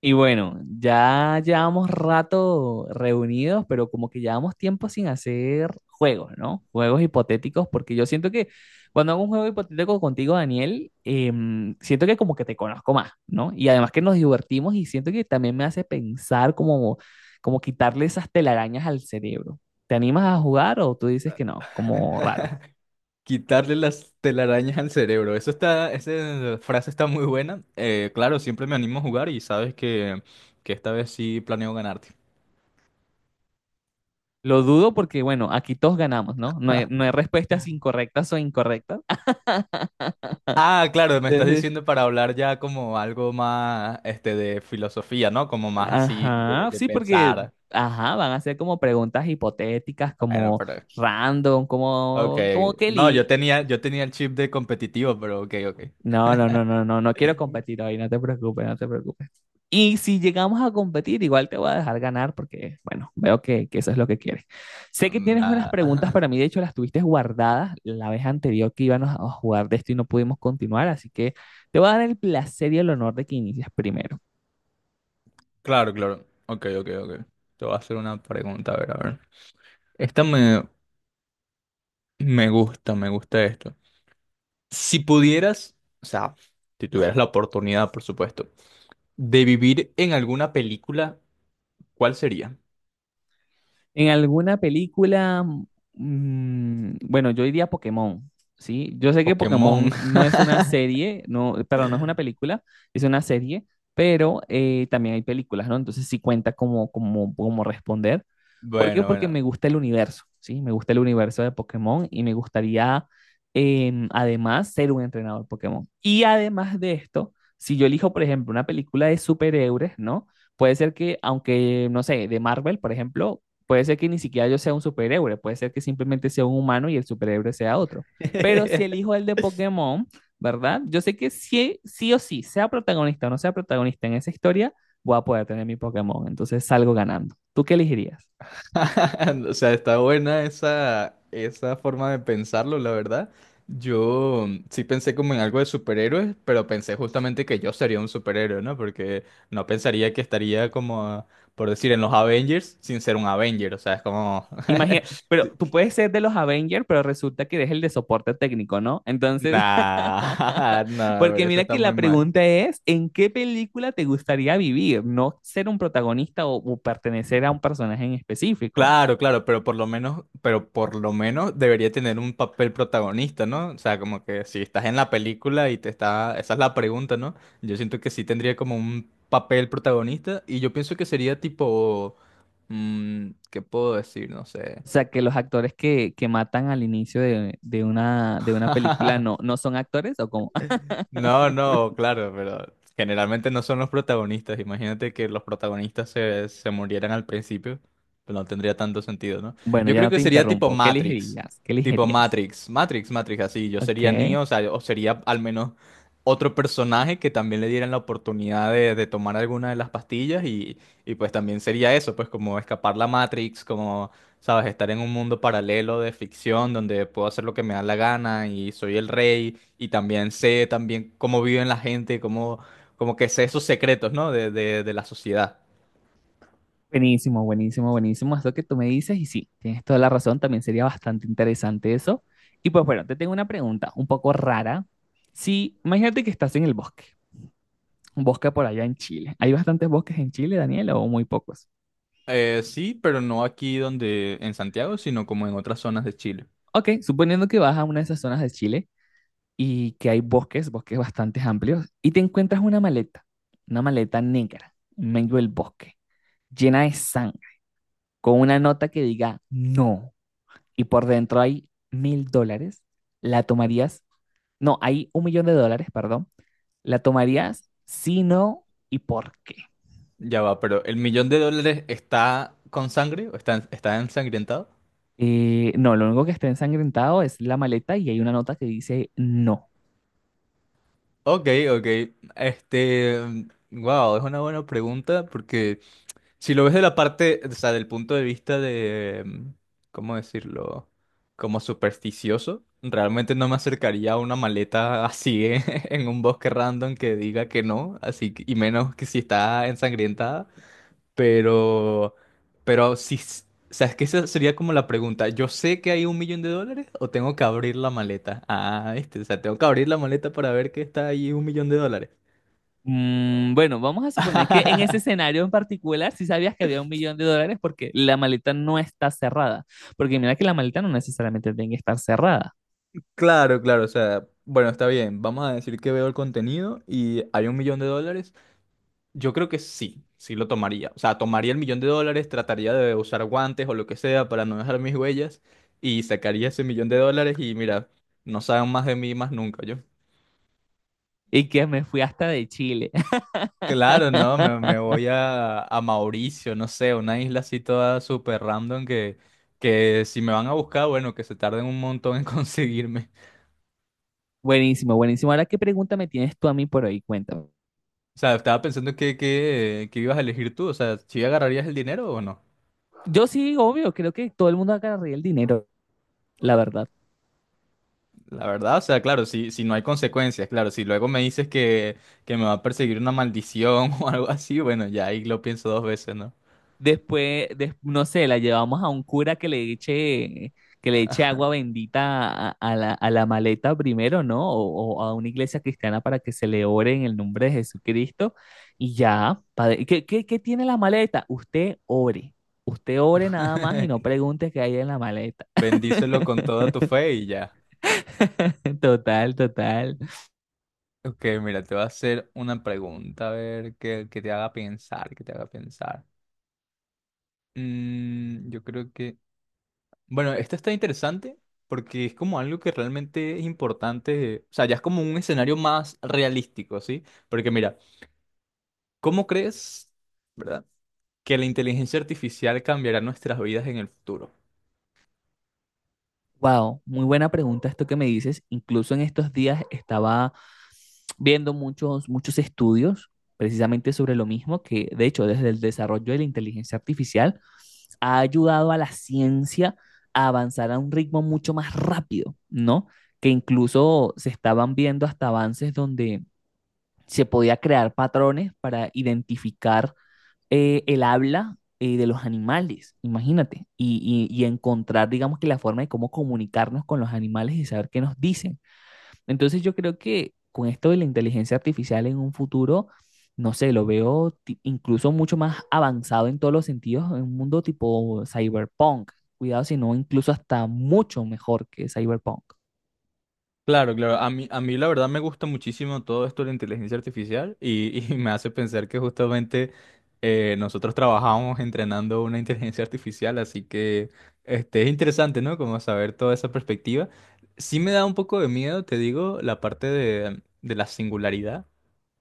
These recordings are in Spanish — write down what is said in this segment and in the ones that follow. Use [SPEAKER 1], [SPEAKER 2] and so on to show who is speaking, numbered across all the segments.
[SPEAKER 1] Y bueno, ya llevamos rato reunidos, pero como que llevamos tiempo sin hacer juegos, ¿no? Juegos hipotéticos, porque yo siento que cuando hago un juego hipotético contigo, Daniel, siento que como que te conozco más, ¿no? Y además que nos divertimos y siento que también me hace pensar como quitarle esas telarañas al cerebro. ¿Te animas a jugar o tú dices que no? Como raro.
[SPEAKER 2] Quitarle las telarañas al cerebro. Eso está, esa frase está muy buena. Claro, siempre me animo a jugar y sabes que esta vez sí planeo ganarte.
[SPEAKER 1] Lo dudo porque, bueno, aquí todos ganamos, ¿no? No hay respuestas incorrectas o incorrectas.
[SPEAKER 2] Ah, claro, me estás
[SPEAKER 1] Entonces,
[SPEAKER 2] diciendo para hablar ya como algo más este de filosofía, ¿no? Como más así de,
[SPEAKER 1] ajá,
[SPEAKER 2] de
[SPEAKER 1] sí, porque
[SPEAKER 2] pensar.
[SPEAKER 1] ajá, van a ser como preguntas hipotéticas,
[SPEAKER 2] Bueno,
[SPEAKER 1] como
[SPEAKER 2] pero
[SPEAKER 1] random,
[SPEAKER 2] ok.
[SPEAKER 1] como
[SPEAKER 2] No, yo
[SPEAKER 1] Kelly.
[SPEAKER 2] tenía, yo tenía el chip de competitivo, pero ok, ok.
[SPEAKER 1] No, no, no, no, no, no quiero competir hoy, no te preocupes, no te preocupes. Y si llegamos a competir, igual te voy a dejar ganar porque, bueno, veo que eso es lo que quieres. Sé que
[SPEAKER 2] Mm.
[SPEAKER 1] tienes unas preguntas para mí, de hecho las tuviste guardadas la vez anterior que íbamos a jugar de esto y no pudimos continuar, así que te voy a dar el placer y el honor de que inicies primero.
[SPEAKER 2] Claro, claro. Ok, ok, ok. Te voy a hacer una pregunta, a ver, a ver. Esta me, me gusta esto. Si pudieras, o sea, si tuvieras la oportunidad, por supuesto, de vivir en alguna película, ¿cuál sería?
[SPEAKER 1] En alguna película, bueno, yo diría Pokémon, ¿sí? Yo sé que
[SPEAKER 2] Pokémon.
[SPEAKER 1] Pokémon no es una serie, no, perdón, no es una película, es una serie, pero también hay películas, ¿no? Entonces sí cuenta como responder. ¿Por qué?
[SPEAKER 2] Bueno,
[SPEAKER 1] Porque
[SPEAKER 2] bueno.
[SPEAKER 1] me gusta el universo, ¿sí? Me gusta el universo de Pokémon y me gustaría, además, ser un entrenador Pokémon. Y además de esto, si yo elijo, por ejemplo, una película de superhéroes, ¿no? Puede ser que, aunque, no sé, de Marvel, por ejemplo, puede ser que ni siquiera yo sea un superhéroe, puede ser que simplemente sea un humano y el superhéroe sea otro. Pero si elijo el de Pokémon, ¿verdad? Yo sé que sí, sí o sí, sea protagonista o no sea protagonista en esa historia, voy a poder tener mi Pokémon. Entonces salgo ganando. ¿Tú qué elegirías?
[SPEAKER 2] O sea, está buena esa forma de pensarlo, la verdad. Yo sí pensé como en algo de superhéroes, pero pensé justamente que yo sería un superhéroe, ¿no? Porque no pensaría que estaría como, por decir, en los Avengers sin ser un Avenger. O sea, es como.
[SPEAKER 1] Imagina, pero tú puedes ser de los Avengers, pero resulta que eres el de soporte técnico, ¿no? Entonces,
[SPEAKER 2] Nah, nah, pero
[SPEAKER 1] porque
[SPEAKER 2] eso
[SPEAKER 1] mira
[SPEAKER 2] está
[SPEAKER 1] que la
[SPEAKER 2] muy mal.
[SPEAKER 1] pregunta es, ¿en qué película te gustaría vivir? No ser un protagonista o pertenecer a un personaje en específico.
[SPEAKER 2] Claro, claro, pero por lo menos debería tener un papel protagonista, ¿no? O sea, como que si estás en la película y esa es la pregunta, ¿no? Yo siento que sí tendría como un papel protagonista y yo pienso que sería tipo, ¿qué puedo decir? No sé.
[SPEAKER 1] O sea, que los actores que matan al inicio de una película no son actores o como...
[SPEAKER 2] No, no, claro, pero generalmente no son los protagonistas. Imagínate que los protagonistas se murieran al principio, pues no tendría tanto sentido, ¿no?
[SPEAKER 1] Bueno,
[SPEAKER 2] Yo
[SPEAKER 1] ya
[SPEAKER 2] creo
[SPEAKER 1] no
[SPEAKER 2] que
[SPEAKER 1] te
[SPEAKER 2] sería
[SPEAKER 1] interrumpo. ¿Qué elegirías? ¿Qué
[SPEAKER 2] Tipo
[SPEAKER 1] elegirías?
[SPEAKER 2] Matrix, Matrix, Matrix, así. Yo sería
[SPEAKER 1] Ok.
[SPEAKER 2] Neo, o sea, o sería al menos otro personaje que también le dieran la oportunidad de tomar alguna de las pastillas y pues también sería eso, pues como escapar la Matrix, como, sabes, estar en un mundo paralelo de ficción donde puedo hacer lo que me da la gana y soy el rey y también sé también cómo viven la gente, cómo, como que sé esos secretos, ¿no? De la sociedad.
[SPEAKER 1] Buenísimo, buenísimo, buenísimo. Eso que tú me dices y sí, tienes toda la razón. También sería bastante interesante eso. Y pues bueno, te tengo una pregunta un poco rara. Si, imagínate que estás en el bosque, un bosque por allá en Chile. ¿Hay bastantes bosques en Chile, Daniel, o muy pocos?
[SPEAKER 2] Sí, pero no aquí donde en Santiago, sino como en otras zonas de Chile.
[SPEAKER 1] Ok, suponiendo que vas a una de esas zonas de Chile y que hay bosques, bosques bastante amplios, y te encuentras una maleta negra, en medio del bosque, llena de sangre, con una nota que diga no, y por dentro hay mil dólares, la tomarías, no, hay un millón de dólares, perdón, la tomarías si no y por qué.
[SPEAKER 2] Ya va, pero ¿el millón de dólares está con sangre? ¿O ¿Está ensangrentado?
[SPEAKER 1] No, lo único que está ensangrentado es la maleta y hay una nota que dice no.
[SPEAKER 2] Ok, ok. Este, wow, es una buena pregunta porque si lo ves de la parte, o sea, del punto de vista de, ¿cómo decirlo? Como supersticioso, realmente no me acercaría a una maleta así en un bosque random que diga que no, y menos que si está ensangrientada, pero, pero si, s- o sea, es que esa sería como la pregunta, ¿yo sé que hay un millón de dólares o tengo que abrir la maleta? Ah, este, o sea, tengo que abrir la maleta para ver que está ahí un millón de dólares.
[SPEAKER 1] Bueno, vamos a suponer que en ese escenario en particular sí sabías que había un millón de dólares porque la maleta no está cerrada. Porque mira que la maleta no necesariamente tiene que estar cerrada.
[SPEAKER 2] Claro, claro, o sea, bueno, está bien, vamos a decir que veo el contenido y hay un millón de dólares. Yo creo que sí, sí lo tomaría. O sea, tomaría el millón de dólares, trataría de usar guantes o lo que sea para no dejar mis huellas y sacaría ese millón de dólares y mira, no saben más de mí más nunca yo.
[SPEAKER 1] Y que me fui hasta de Chile.
[SPEAKER 2] Claro, no, me voy a Mauricio, no sé, una isla así toda súper random que si me van a buscar, bueno, que se tarden un montón en conseguirme.
[SPEAKER 1] Buenísimo, buenísimo. Ahora, ¿qué pregunta me tienes tú a mí por ahí? Cuenta.
[SPEAKER 2] O sea, estaba pensando que ibas a elegir tú, o sea, si agarrarías el dinero o no.
[SPEAKER 1] Yo sí, obvio, creo que todo el mundo agarraría el dinero, la verdad.
[SPEAKER 2] La verdad, o sea, claro, si no hay consecuencias, claro, si luego me dices que me va a perseguir una maldición o algo así, bueno, ya ahí lo pienso dos veces, ¿no?
[SPEAKER 1] Después, no sé, la llevamos a un cura que le eche agua bendita a, a la maleta primero, ¿no? O a una iglesia cristiana para que se le ore en el nombre de Jesucristo. Y ya, padre, ¿qué tiene la maleta? Usted ore. Usted ore nada más y no pregunte qué hay en la maleta.
[SPEAKER 2] Bendícelo con toda tu fe y ya.
[SPEAKER 1] Total, total.
[SPEAKER 2] Ok, mira, te voy a hacer una pregunta, a ver, que te haga pensar, que te haga pensar. Mm, yo creo que Bueno, esto está interesante porque es como algo que realmente es importante, o sea, ya es como un escenario más realístico, ¿sí? Porque mira, ¿cómo crees, verdad, que la inteligencia artificial cambiará nuestras vidas en el futuro?
[SPEAKER 1] Wow, muy buena pregunta esto que me dices. Incluso en estos días estaba viendo muchos estudios precisamente sobre lo mismo, que de hecho desde el desarrollo de la inteligencia artificial ha ayudado a la ciencia a avanzar a un ritmo mucho más rápido, ¿no? Que incluso se estaban viendo hasta avances donde se podía crear patrones para identificar el habla de los animales, imagínate, y, y encontrar, digamos que la forma de cómo comunicarnos con los animales y saber qué nos dicen. Entonces yo creo que con esto de la inteligencia artificial en un futuro, no sé, lo veo incluso mucho más avanzado en todos los sentidos, en un mundo tipo cyberpunk. Cuidado, sino incluso hasta mucho mejor que cyberpunk.
[SPEAKER 2] Claro, claro. A mí la verdad me gusta muchísimo todo esto de la inteligencia artificial y me hace pensar que justamente nosotros trabajamos entrenando una inteligencia artificial, así que este, es interesante, ¿no? Como saber toda esa perspectiva. Sí me da un poco de miedo, te digo, la parte de la singularidad.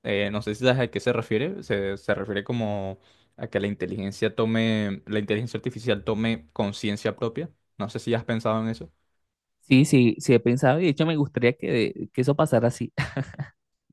[SPEAKER 2] No sé si sabes a qué se refiere. Se refiere como a que la inteligencia artificial tome conciencia propia. No sé si has pensado en eso.
[SPEAKER 1] Sí, sí, sí he pensado y de hecho me gustaría que eso pasara así.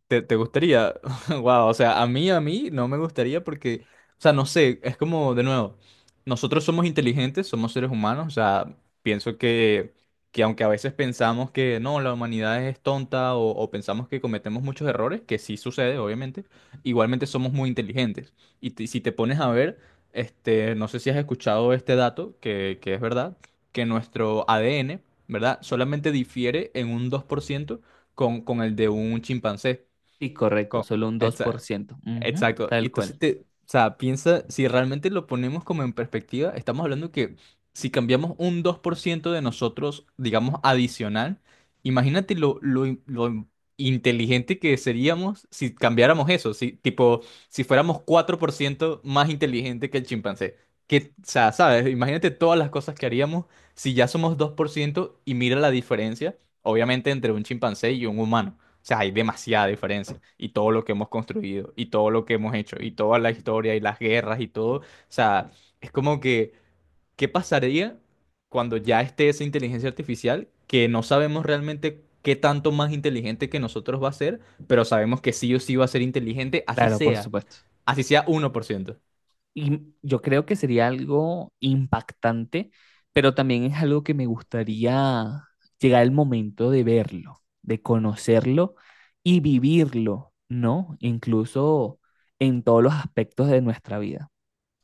[SPEAKER 2] ¿Te gustaría? Wow, o sea, a mí no me gustaría porque, o sea, no sé, es como, de nuevo, nosotros somos inteligentes, somos seres humanos, o sea, pienso que aunque a veces pensamos que no, la humanidad es tonta o pensamos que cometemos muchos errores, que sí sucede, obviamente, igualmente somos muy inteligentes. Si te pones a ver, este, no sé si has escuchado este dato, que es verdad, que nuestro ADN, ¿verdad? Solamente difiere en un 2% con el de un chimpancé.
[SPEAKER 1] Sí, correcto,
[SPEAKER 2] Co-
[SPEAKER 1] solo un
[SPEAKER 2] exa-
[SPEAKER 1] 2%. Ujú,
[SPEAKER 2] Exacto. Y
[SPEAKER 1] tal
[SPEAKER 2] entonces
[SPEAKER 1] cual.
[SPEAKER 2] o sea, piensa, si realmente lo ponemos como en perspectiva, estamos hablando que si cambiamos un 2% de nosotros, digamos, adicional, imagínate lo inteligente que seríamos cambiáramos eso, si, tipo, si fuéramos 4% más inteligente que el chimpancé. Que, o sea, ¿sabes? Imagínate todas las cosas que haríamos si ya somos 2% y mira la diferencia, obviamente, entre un chimpancé y un humano. O sea, hay demasiada diferencia y todo lo que hemos construido y todo lo que hemos hecho y toda la historia y las guerras y todo. O sea, es como que, ¿qué pasaría cuando ya esté esa inteligencia artificial que no sabemos realmente qué tanto más inteligente que nosotros va a ser, pero sabemos que sí o sí va a ser inteligente,
[SPEAKER 1] Claro, por supuesto.
[SPEAKER 2] así sea 1%.
[SPEAKER 1] Y yo creo que sería algo impactante, pero también es algo que me gustaría llegar el momento de verlo, de conocerlo y vivirlo, ¿no? Incluso en todos los aspectos de nuestra vida.